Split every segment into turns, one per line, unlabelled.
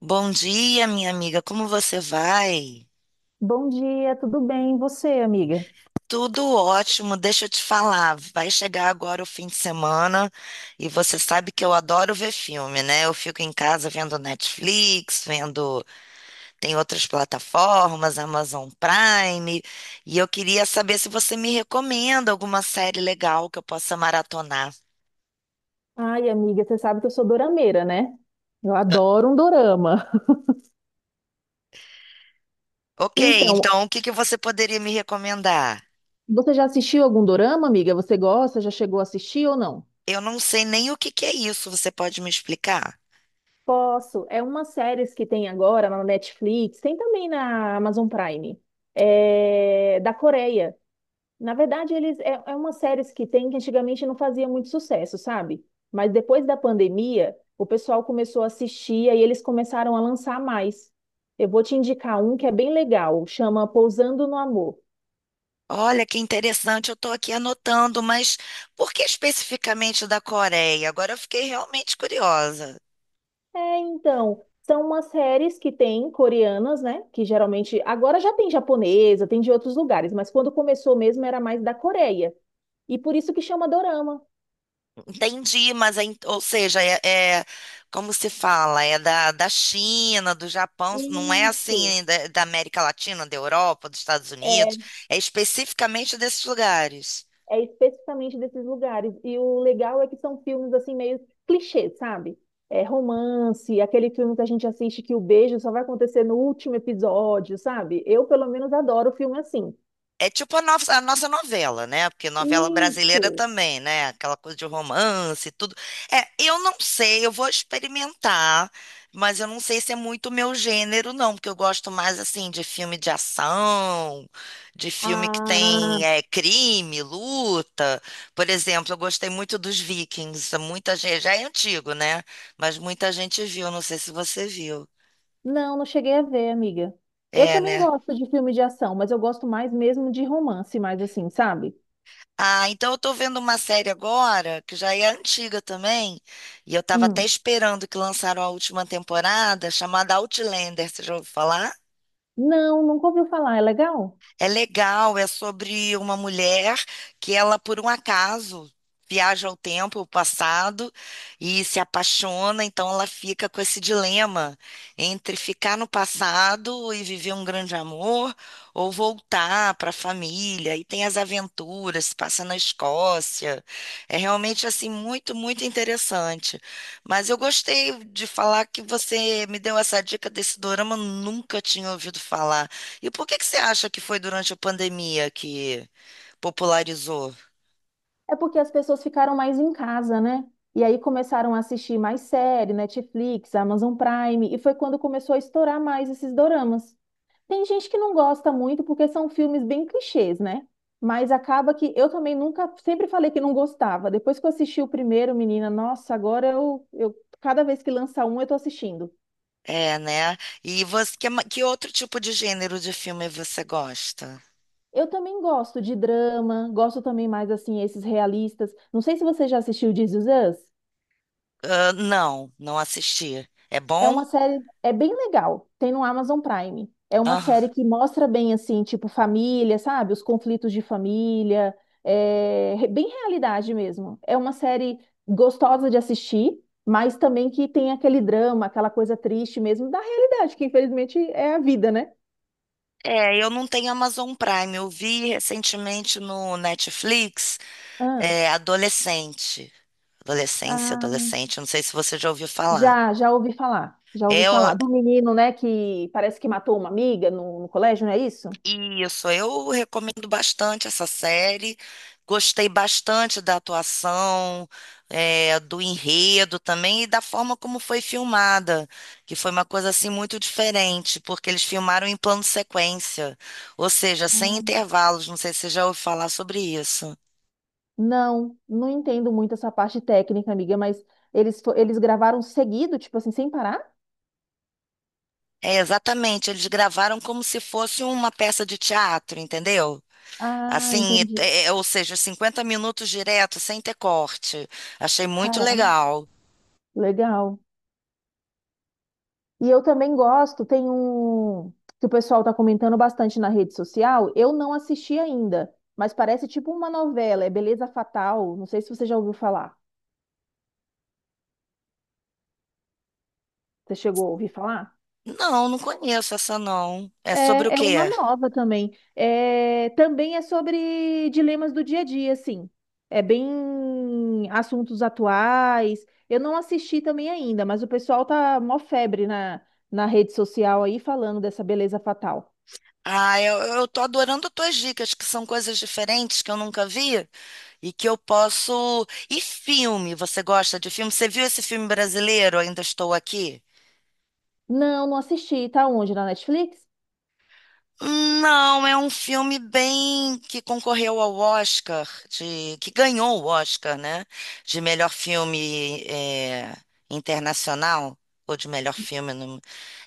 Bom dia, minha amiga. Como você vai?
Bom dia, tudo bem? E você, amiga?
Tudo ótimo, deixa eu te falar. Vai chegar agora o fim de semana e você sabe que eu adoro ver filme, né? Eu fico em casa vendo Netflix, vendo. Tem outras plataformas, Amazon Prime, e eu queria saber se você me recomenda alguma série legal que eu possa maratonar.
Ai, amiga, você sabe que eu sou dorameira, né? Eu
Ah,
adoro um dorama.
ok,
Então,
então o que que você poderia me recomendar?
você já assistiu algum dorama, amiga? Você gosta? Já chegou a assistir ou não?
Eu não sei nem o que que é isso, você pode me explicar?
Posso. É uma série que tem agora na Netflix, tem também na Amazon Prime, é da Coreia. Na verdade, é uma série que tem que antigamente não fazia muito sucesso, sabe? Mas depois da pandemia, o pessoal começou a assistir e eles começaram a lançar mais. Eu vou te indicar um que é bem legal, chama Pousando no Amor.
Olha que interessante, eu estou aqui anotando, mas por que especificamente da Coreia? Agora eu fiquei realmente curiosa.
É, então, são umas séries que tem coreanas, né? Que geralmente agora já tem japonesa, tem de outros lugares, mas quando começou mesmo era mais da Coreia. E por isso que chama Dorama.
Entendi, mas, ou seja, é- como se fala, é da China, do Japão, não é
Isso.
assim da América Latina, da Europa, dos Estados Unidos, é especificamente desses lugares.
É especificamente desses lugares. E o legal é que são filmes assim meio clichê, sabe? É romance, aquele filme que a gente assiste que o beijo só vai acontecer no último episódio, sabe? Eu, pelo menos, adoro filme assim.
É tipo a nossa novela, né? Porque novela brasileira
Isso.
também, né? Aquela coisa de romance e tudo. É, eu não sei, eu vou experimentar, mas eu não sei se é muito meu gênero, não, porque eu gosto mais, assim, de filme de ação, de filme que
Ah,
tem crime, luta. Por exemplo, eu gostei muito dos Vikings, muita gente, já é antigo, né? Mas muita gente viu, não sei se você viu.
não, não cheguei a ver, amiga. Eu
É,
também
né?
gosto de filme de ação, mas eu gosto mais mesmo de romance, mais assim, sabe?
Ah, então eu tô vendo uma série agora, que já é antiga também, e eu tava até
Hum.
esperando que lançaram a última temporada, chamada Outlander, você já ouviu falar?
Não, nunca ouviu falar. É legal?
É legal, é sobre uma mulher que ela, por um acaso, viaja ao tempo, ao passado, e se apaixona, então ela fica com esse dilema entre ficar no passado e viver um grande amor, ou voltar para a família, e tem as aventuras, se passa na Escócia. É realmente, assim, muito, muito interessante. Mas eu gostei de falar que você me deu essa dica desse dorama, eu nunca tinha ouvido falar. E por que que você acha que foi durante a pandemia que popularizou?
É porque as pessoas ficaram mais em casa, né? E aí começaram a assistir mais série, Netflix, Amazon Prime, e foi quando começou a estourar mais esses doramas. Tem gente que não gosta muito porque são filmes bem clichês, né? Mas acaba que eu também nunca, sempre falei que não gostava. Depois que eu assisti o primeiro, menina, nossa, agora eu cada vez que lança um, eu tô assistindo.
É, né? E você, que outro tipo de gênero de filme você gosta?
Eu também gosto de drama, gosto também mais assim esses realistas. Não sei se você já assistiu This Is Us.
Ah, não, não assisti. É
É
bom?
uma série, é bem legal. Tem no Amazon Prime. É uma série
Ah,
que mostra bem assim, tipo família, sabe? Os conflitos de família, bem realidade mesmo. É uma série gostosa de assistir, mas também que tem aquele drama, aquela coisa triste mesmo da realidade, que infelizmente é a vida, né?
eu não tenho Amazon Prime. Eu vi recentemente no Netflix,
Ah,
Adolescente.
ah,
Adolescente. Não sei se você já ouviu falar.
já ouvi falar. Já ouvi
É,
falar do menino, né, que parece que matou uma amiga no colégio, não é isso?
isso, eu recomendo bastante essa série. Gostei bastante da atuação, do enredo também e da forma como foi filmada, que foi uma coisa assim muito diferente, porque eles filmaram em plano sequência, ou seja, sem intervalos. Não sei se você já ouviu falar sobre isso.
Não, não entendo muito essa parte técnica, amiga, mas eles gravaram seguido, tipo assim, sem parar?
É, exatamente, eles gravaram como se fosse uma peça de teatro, entendeu?
Ah,
Assim,
entendi.
ou seja, 50 minutos direto, sem ter corte. Achei muito
Caramba,
legal.
legal. E eu também gosto, tem um que o pessoal tá comentando bastante na rede social. Eu não assisti ainda, mas parece tipo uma novela, é Beleza Fatal. Não sei se você já ouviu falar. Você chegou a ouvir falar?
Não, não conheço essa não. É sobre o
É, é uma
quê?
nova também. É, também é sobre dilemas do dia a dia, assim. É bem assuntos atuais. Eu não assisti também ainda, mas o pessoal tá mó febre na rede social aí falando dessa beleza fatal.
Ah, eu tô adorando as tuas dicas, que são coisas diferentes que eu nunca vi e que eu posso. E filme? Você gosta de filme? Você viu esse filme brasileiro? Ainda Estou Aqui?
Não, não assisti. Tá onde? Na Netflix?
Não, é um filme bem que concorreu ao Oscar, que ganhou o Oscar, né? De melhor filme internacional ou de melhor filme.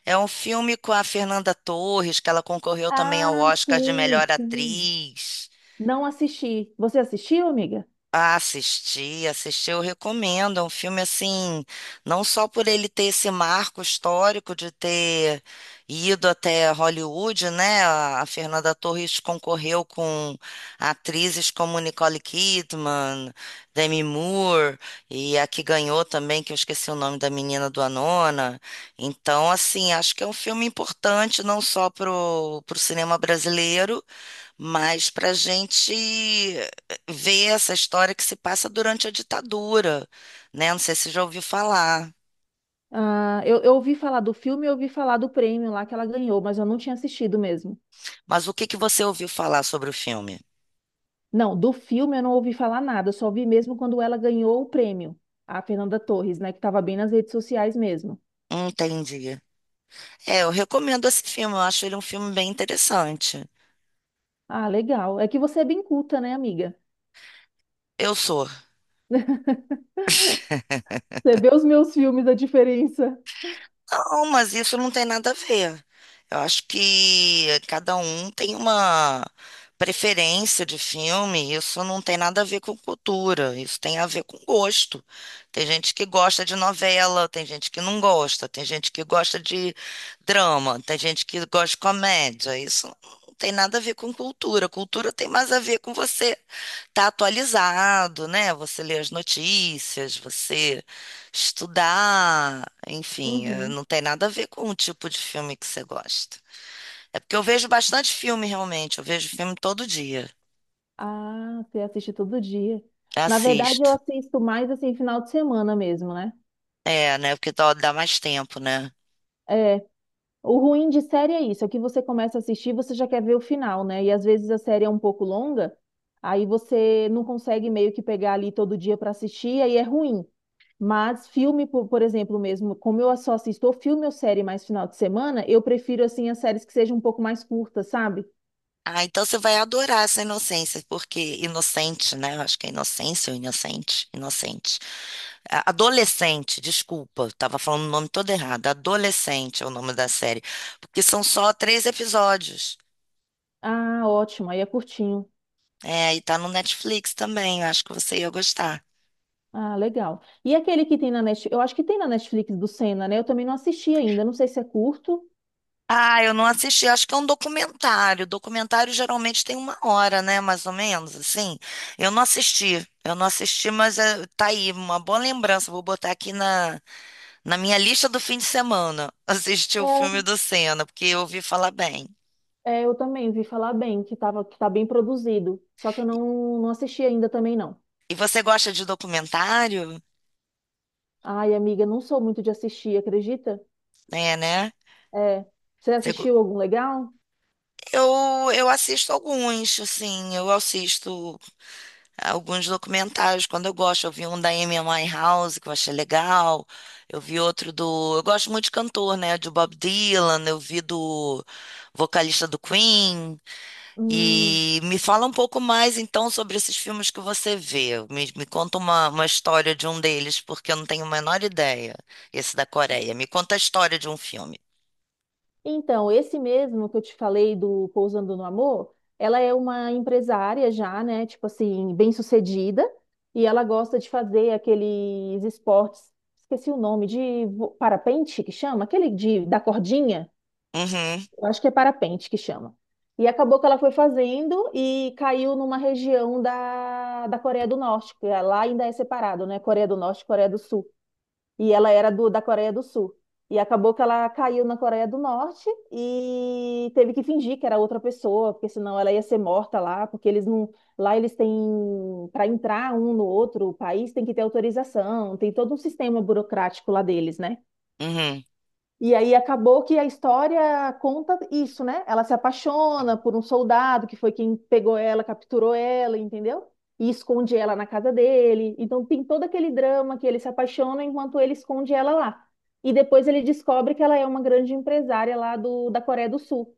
É um filme com a Fernanda Torres, que ela concorreu também ao
Ah,
Oscar de
sim,
melhor
sim.
atriz.
Não assisti. Você assistiu, amiga?
Ah, assisti, assisti, eu recomendo. É um filme assim, não só por ele ter esse marco histórico de ter ido até Hollywood, né? A Fernanda Torres concorreu com atrizes como Nicole Kidman, Demi Moore, e a que ganhou também, que eu esqueci o nome da menina do Anona. Então, assim, acho que é um filme importante não só pro cinema brasileiro, mas para a gente ver essa história que se passa durante a ditadura, né? Não sei se já ouviu falar,
Ah, eu ouvi falar do filme, eu ouvi falar do prêmio lá que ela ganhou, mas eu não tinha assistido mesmo.
mas o que que você ouviu falar sobre o filme?
Não, do filme eu não ouvi falar nada, só vi mesmo quando ela ganhou o prêmio, a Fernanda Torres, né, que estava bem nas redes sociais mesmo.
Entendi. É, eu recomendo esse filme, eu acho ele um filme bem interessante.
Ah, legal. É que você é bem culta, né, amiga?
Eu sou.
Você vê os meus filmes, a diferença.
Não, mas isso não tem nada a ver. Eu acho que cada um tem uma preferência de filme, isso não tem nada a ver com cultura, isso tem a ver com gosto. Tem gente que gosta de novela, tem gente que não gosta, tem gente que gosta de drama, tem gente que gosta de comédia. Isso não tem nada a ver com cultura. Cultura tem mais a ver com você tá atualizado, né? Você lê as notícias, você estudar, enfim,
Uhum.
não tem nada a ver com o tipo de filme que você gosta. É porque eu vejo bastante filme realmente, eu vejo filme todo dia,
Ah, você assiste todo dia. Na verdade, eu
assisto.
assisto mais assim final de semana mesmo, né?
É, né? Porque dá mais tempo, né?
É, o ruim de série é isso, é que você começa a assistir, você já quer ver o final, né? E às vezes a série é um pouco longa, aí você não consegue meio que pegar ali todo dia para assistir, aí é ruim. Mas filme, por exemplo, mesmo, como eu só assisto ou filme ou série mais final de semana, eu prefiro, assim, as séries que sejam um pouco mais curtas, sabe?
Ah, então você vai adorar essa inocência, porque inocente, né? Eu acho que é inocência ou inocente, inocente. Adolescente, desculpa, estava falando o nome todo errado. Adolescente é o nome da série, porque são só três episódios.
Ah, ótimo, aí é curtinho.
É, e tá no Netflix também, eu acho que você ia gostar.
Ah, legal. E aquele que tem na Netflix, eu acho que tem na Netflix do Senna, né? Eu também não assisti ainda, não sei se é curto.
Ah, eu não assisti, acho que é um documentário. Documentário geralmente tem uma hora, né? Mais ou menos, assim. Eu não assisti, mas tá aí, uma boa lembrança. Vou botar aqui na minha lista do fim de semana, assistir o filme do Senna, porque eu ouvi falar bem.
É, eu também vi falar bem, que tava, que tá bem produzido, só que eu não, não assisti ainda também, não.
E você gosta de documentário?
Ai, amiga, não sou muito de assistir, acredita?
É, né?
É. Você
Segu-
assistiu algum legal?
eu assisto alguns, assim, eu assisto alguns documentários quando eu gosto. Eu vi um da Amy House que eu achei legal. Eu vi outro do. Eu gosto muito de cantor, né? De Bob Dylan, eu vi do vocalista do Queen.
Hum.
E me fala um pouco mais, então, sobre esses filmes que você vê. Me conta uma história de um deles, porque eu não tenho a menor ideia. Esse da Coreia. Me conta a história de um filme.
Então, esse mesmo que eu te falei do Pousando no Amor, ela é uma empresária já, né? Tipo assim, bem-sucedida, e ela gosta de fazer aqueles esportes, esqueci o nome, parapente que chama? Aquele de da cordinha?
Uhum,
Eu acho que é parapente que chama. E acabou que ela foi fazendo e caiu numa região da Coreia do Norte, que é, lá ainda é separado, né? Coreia do Norte e Coreia do Sul. E ela era da Coreia do Sul. E acabou que ela caiu na Coreia do Norte e teve que fingir que era outra pessoa, porque senão ela ia ser morta lá, porque eles não, lá eles têm, para entrar um no outro país tem que ter autorização, tem todo um sistema burocrático lá deles, né?
uhum.
E aí acabou que a história conta isso, né? Ela se apaixona por um soldado que foi quem pegou ela, capturou ela, entendeu? E esconde ela na casa dele. Então tem todo aquele drama que ele se apaixona enquanto ele esconde ela lá. E depois ele descobre que ela é uma grande empresária lá da Coreia do Sul,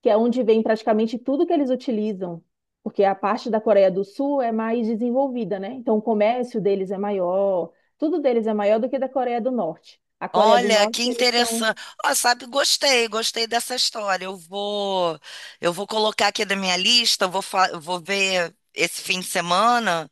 que é onde vem praticamente tudo que eles utilizam. Porque a parte da Coreia do Sul é mais desenvolvida, né? Então o comércio deles é maior, tudo deles é maior do que da Coreia do Norte. A Coreia do
Olha, que
Norte, eles são.
interessante. Ó, sabe, gostei, gostei dessa história. Eu vou colocar aqui na minha lista, eu vou ver esse fim de semana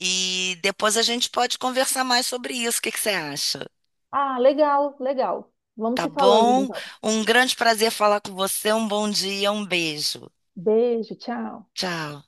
e depois a gente pode conversar mais sobre isso. O que que você acha?
Ah, legal, legal. Vamos
Tá
se falando
bom?
então.
Um grande prazer falar com você. Um bom dia, um beijo.
Beijo, tchau.
Tchau.